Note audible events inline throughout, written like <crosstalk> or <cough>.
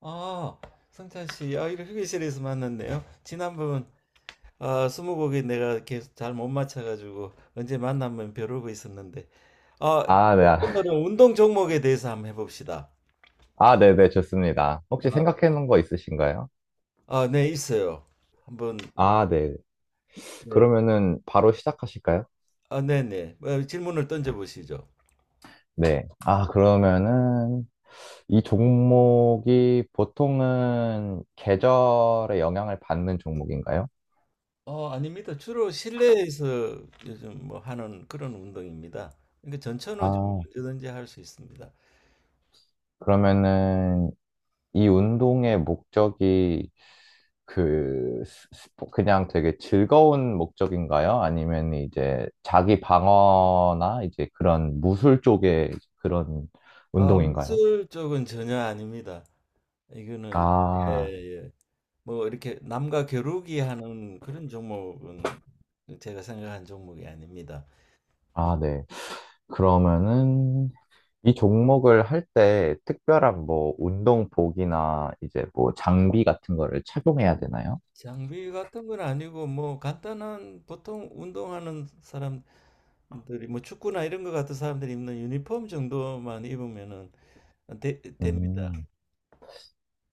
아, 성찬 씨, 이렇게 휴게실에서 만났네요. 지난번 스무고개 내가 계속 잘 못 맞춰가지고 언제 만나면 벼르고 있었는데, 아, 아, 네. 오늘은 운동 종목에 대해서 한번 해봅시다. 아, 네네, 좋습니다. 혹시 아, 생각해 놓은 거 있으신가요? 아, 네, 있어요. 한번, 아, 네. 네, 그러면은 바로 시작하실까요? 아, 네, 네, 질문을 던져보시죠. 네. 아, 그러면은 이 종목이 보통은 계절의 영향을 받는 종목인가요? 아닙니다. 주로 실내에서 요즘 뭐 하는 그런 운동입니다. 그러니까 전천후 좀 아, 언제든지 할 수 있습니다. 그러면은 이 운동의 목적이 그 그냥 되게 즐거운 목적인가요? 아니면 이제 자기 방어나 이제 그런 무술 쪽의 그런 아, 운동인가요? 무술 쪽은 전혀 아닙니다. 이거는 예, 아, 예. 뭐 이렇게 남과 겨루기 하는 그런 종목은 제가 생각한 종목이 아닙니다. 아, 네. 그러면은 이 종목을 할 때 특별한 뭐 운동복이나 이제 뭐 장비 같은 거를 착용해야 되나요? 장비 같은 건 아니고 뭐 간단한 보통 운동하는 사람들이 뭐 축구나 이런 거 같은 사람들이 입는 유니폼 정도만 입으면은 음, 됩니다.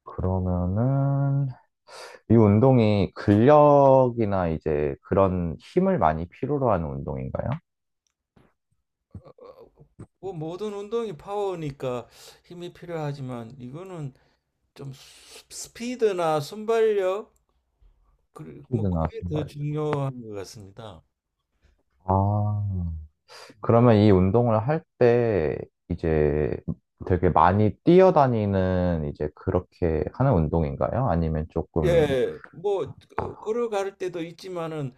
그러면은 이 운동이 근력이나 이제 그런 힘을 많이 필요로 하는 운동인가요? 어, 뭐 모든 운동이 파워니까 힘이 필요하지만 이거는 좀 스피드나 순발력 그리고 뭐 스피드나 그게 더 순발. 중요한 것 같습니다. 아, 그러면 이 운동을 할 때 이제 되게 많이 뛰어다니는 이제 그렇게 하는 운동인가요? 아니면 조금 예, 뭐 걸어갈 때도 있지만은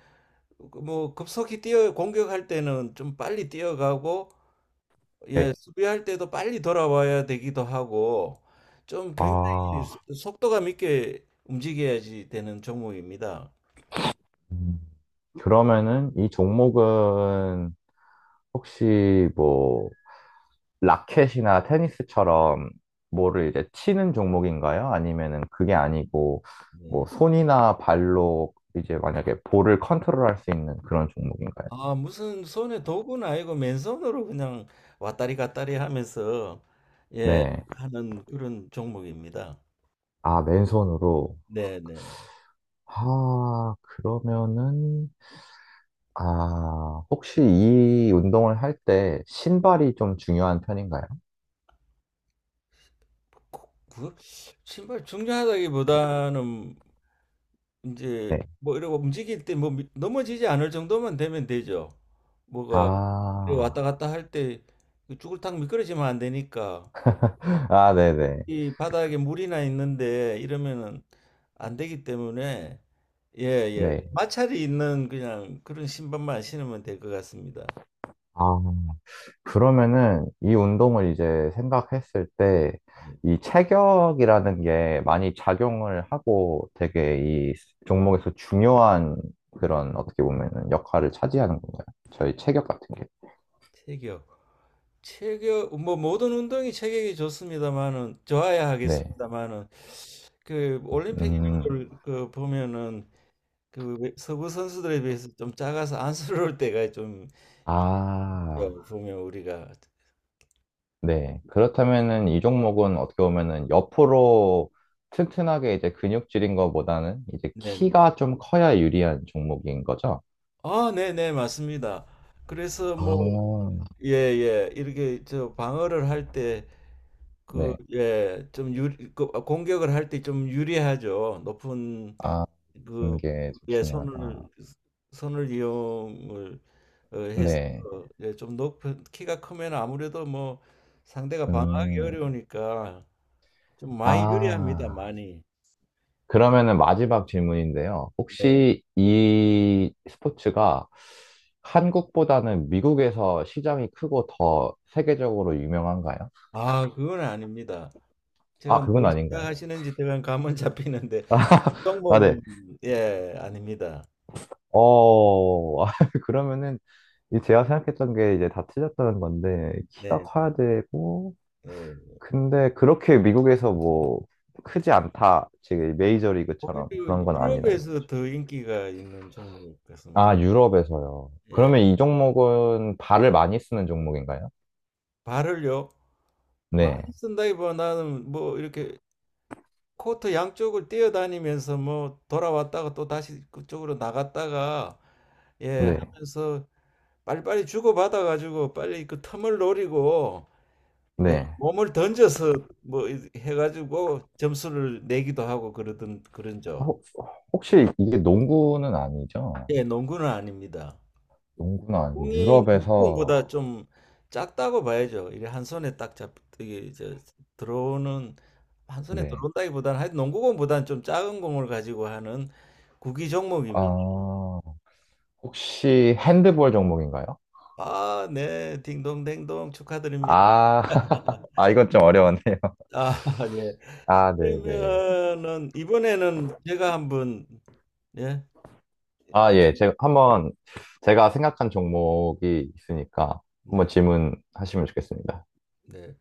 그뭐 급속히 뛰어 공격할 때는 좀 빨리 뛰어가고 네. 예, 수비할 때도 빨리 돌아와야 되기도 하고 좀 굉장히 아, 속도감 있게 움직여야지 되는 종목입니다. 음. 그러면은 이 종목은 혹시 뭐 라켓이나 테니스처럼 뭐를 이제 치는 종목인가요? 아니면은 그게 아니고 뭐 네. 손이나 발로 이제 만약에 볼을 컨트롤할 수 있는 그런 종목인가요? 아, 무슨 손에 도구는 아니고 맨손으로 그냥 왔다리 갔다리 하면서 예, 네. 하는 그런 종목입니다. 아, 맨손으로. 네, 네. 아, 그러면은 아, 혹시 이 운동을 할 때 신발이 좀 중요한 편인가요? 그, 그 신발 중요하다기보다는 네. 이제 뭐 이러고 움직일 때 뭐 넘어지지 않을 정도만 되면 되죠. 뭐가 이래 왔다 아, 갔다 할 때 쭈글탕 미끄러지면 안 되니까 아, 네네. 이 바닥에 물이나 있는데 이러면은 안 되기 때문에 예, 예. 네. 마찰이 있는 그냥 그런 신발만 신으면 될 것 같습니다. 아, 그러면은 이 운동을 이제 생각했을 때 네. 이 체격이라는 게 많이 작용을 하고 되게 이 종목에서 중요한 네. 그런 어떻게 보면은 역할을 차지하는 건가요? 저희 체격 같은 게. 체격. 체격 뭐 모든 운동이 체격이 좋습니다만은 좋아야 네. 하겠습니다만은 그 올림픽 음, 이런 걸그 보면은 그 서구 선수들에 비해서 좀 작아서 안쓰러울 때가 좀 아, 있어요, 보면 우리가 네. 그렇다면은 이 종목은 어떻게 보면은 옆으로 튼튼하게 이제 근육질인 것보다는 이제 네네 키가 좀 커야 유리한 종목인 거죠? 아 네네 맞습니다. 그래서 아, 뭐 예예 이렇게 저 방어를 할 때 그 예 좀 유리 그 공격을 할 때 좀 유리하죠. 높은 아, 듣는 그 게 좀 예 중요하다. 손을 이용을 해서 네. 예, 좀 높은 키가 크면 아무래도 뭐 상대가 방어하기 음, 어려우니까 좀 많이 유리합니다 아, 많이. 그러면은 마지막 질문인데요. 네. 혹시 이 스포츠가 한국보다는 미국에서 시장이 크고 더 세계적으로 유명한가요? 아, 그건 아닙니다. 아, 제가 그건 뭘 아닌가요? 생각하시는지 제가 감은 <laughs> 잡히는데 아, 네. 종목은 예, 아닙니다. 어, <laughs> 아, 그러면은 이 제가 생각했던 게 이제 다 틀렸다는 건데, 키가 네. 커야 되고, 예. 근데 그렇게 미국에서 뭐 크지 않다. 지금 메이저리그처럼 오히려 그런 건 아니라. 유럽에서 더 인기가 있는 종목 같습니다. 아, 유럽에서요. 예. 그러면 이 종목은 발을 많이 쓰는 종목인가요? 발을요. 많이 네, 쓴다기보다는 뭐 이렇게 코트 양쪽을 뛰어다니면서 뭐 돌아왔다가 또 다시 그쪽으로 나갔다가 예, 네, 하면서 빨리빨리 주고받아 가지고 빨리 그 틈을 노리고 예, 네. 몸을 던져서 뭐 해가지고 점수를 내기도 하고 그러던 그런 죠. 혹- 혹시 이게 농구는 아니죠? 예, 농구는 아닙니다. 농구는 아니고 공이 유럽에서, 눈공보다 좀 작다고 봐야죠. 이게 이제 들어오는 한 손에 네. 들어온다기보다는 하여튼 농구공보다는 좀 작은 공을 가지고 하는 구기 종목입니다. 아, 혹시 핸드볼 종목인가요? 아, 네, 딩동댕동 축하드립니다. 아, <laughs> 아, 이건 좀 어려웠네요. 아, <laughs> 예. 아, 네네. 그러면은 이번에는 제가 한번 예, 아, 예. 제가 한번, 제가 생각한 종목이 있으니까 한번 네, 질문하시면 좋겠습니다. 네.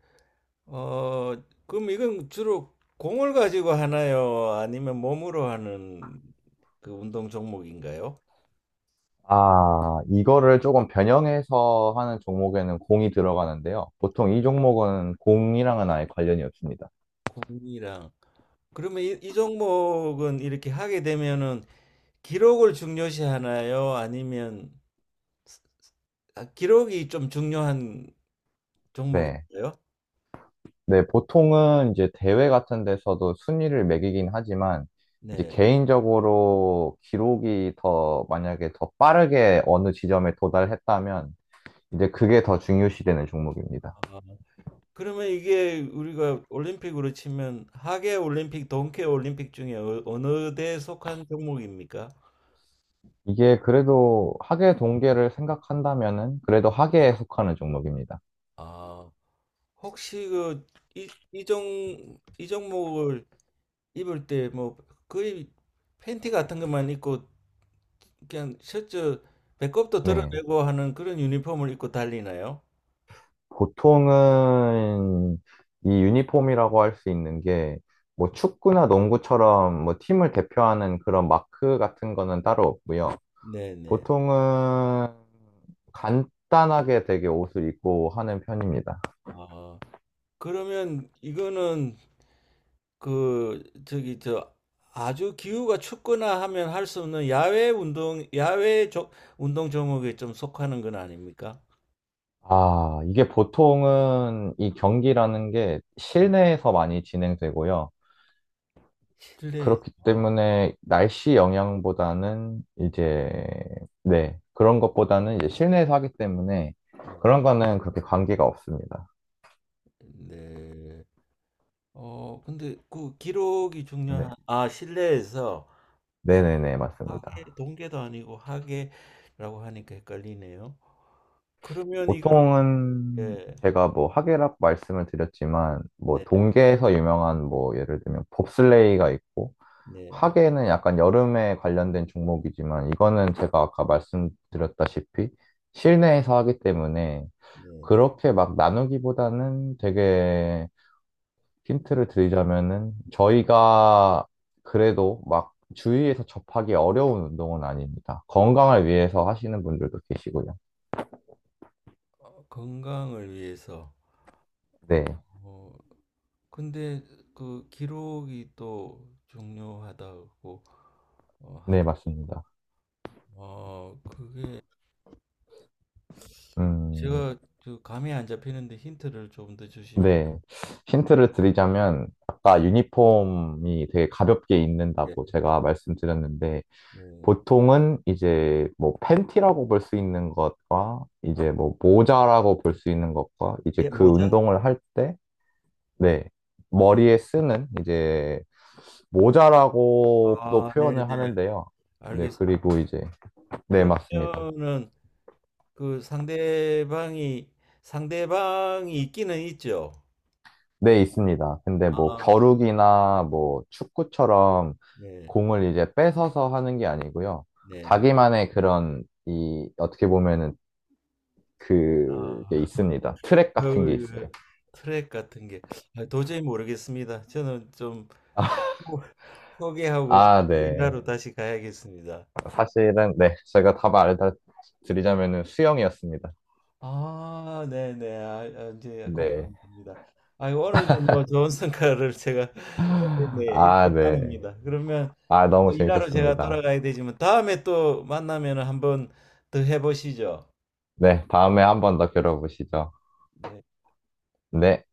어, 그럼 이건 주로 공을 가지고 하나요? 아니면 몸으로 하는 그 운동 종목인가요? 아, 이거를 조금 변형해서 하는 종목에는 공이 들어가는데요. 보통 이 종목은 공이랑은 아예 관련이 없습니다. 공이랑. 그러면 이 종목은 이렇게 하게 되면은 기록을 중요시 하나요? 아니면 아, 기록이 좀 중요한 네. 종목인가요? 네, 보통은 이제 대회 같은 데서도 순위를 매기긴 하지만, 이제 네. 개인적으로 기록이 더, 만약에 더 빠르게 어느 지점에 도달했다면, 이제 그게 더 중요시되는 종목입니다. 아, 그러면 이게 우리가 올림픽으로 치면 하계 올림픽, 동계 올림픽 중에 어느 대에 속한 종목입니까? 이게 그래도 학예 동계를 생각한다면은, 그래도 학예에 속하는 종목입니다. 아, 혹시 그 이, 이종 이종목을 입을 때 뭐 거의 팬티 같은 것만 입고 그냥 셔츠 배꼽도 네. 드러내고 하는 그런 유니폼을 입고 달리나요? 보통은 이 유니폼이라고 할 수 있는 게 뭐 축구나 농구처럼 뭐 팀을 대표하는 그런 마크 같은 거는 따로 없고요. 네네. 보통은 간단하게 되게 옷을 입고 하는 편입니다. 아, 그러면 이거는 그 저기 저 아주 기후가 춥거나 하면 할 수 없는 야외 조, 운동 종목에 좀 속하는 건 아닙니까? 아, 이게 보통은 이 경기라는 게 실내에서 많이 진행되고요. 실내. 그렇기 아, 때문에 날씨 영향보다는 이제, 네, 그런 것보다는 이제 실내에서 하기 때문에 네. 그런 거는 그렇게 관계가 없습니다. 네. 근데 그 기록이 중요한, 네. 아, 실내에서 네네네, 맞습니다. 하계, 동계도 아니고 하계라고 하니까 헷갈리네요. 그러면 이건, 보통은 네, 제가 뭐 하계라고 말씀을 드렸지만, 뭐 네, 동계에서 유명한 뭐 예를 들면 봅슬레이가 있고, 네, 하계는 약간 여름에 관련된 종목이지만, 이거는 제가 아까 말씀드렸다시피 실내에서 하기 때문에 네. 그렇게 막 나누기보다는 되게 힌트를 드리자면은 저희가 그래도 막 주위에서 접하기 어려운 운동은 아닙니다. 건강을 위해서 하시는 분들도 계시고요. 어, 건강을 위해서. 네, 어, 어, 근데 그 기록이 또 중요하다고 네, 하니, 맞습니다. 그게 음, 제가 그 감이 안 잡히는데 힌트를 좀 더 주시면, 네. 힌트를 드리자면 아까 유니폼이 되게 가볍게 예, 입는다고 제가 말씀드렸는데 네. 보통은 이제 뭐 팬티라고 볼 수 있는 것과 이제 뭐 모자라고 볼 수 있는 것과 이제 예, 그 모자? 운동을 할 때, 네. 뭐, 머리에 쓰는 이제 모자라고도 아, 네네. 표현을 하는데요. 네, 알겠습니다. 그리고 이제, 네, 맞습니다. 그러면은 그 상대방이 있기는 있죠. 네, 있습니다. 근데 뭐 아, 겨루기나 뭐 축구처럼 네, 공을 이제 뺏어서 하는 게 아니고요. 네, 네. 자기만의 그런 이 어떻게 보면은 그게 아, 있습니다. 트랙 같은 게 아유, 있어요. 그 트랙 같은 게 아, 도저히 모르겠습니다. 저는 좀 <laughs> 포- 포기하고 아, 네. 일하러 다시 가야겠습니다. 사실은 네, 제가 답 알려드리자면은 수영이었습니다. 아, 네네. 아, 이제 네. 공감합니다. 아, 오늘도 뭐 좋은 성과를 제가 <laughs> 네, <laughs> 아, 네. 일대빵입니다. 그러면 아, 너무 또 일하러 제가 재밌었습니다. 돌아가야 되지만 다음에 또 만나면 한번 더 해보시죠. 네, 다음에 한 번 더 겨뤄보시죠. 네. 네.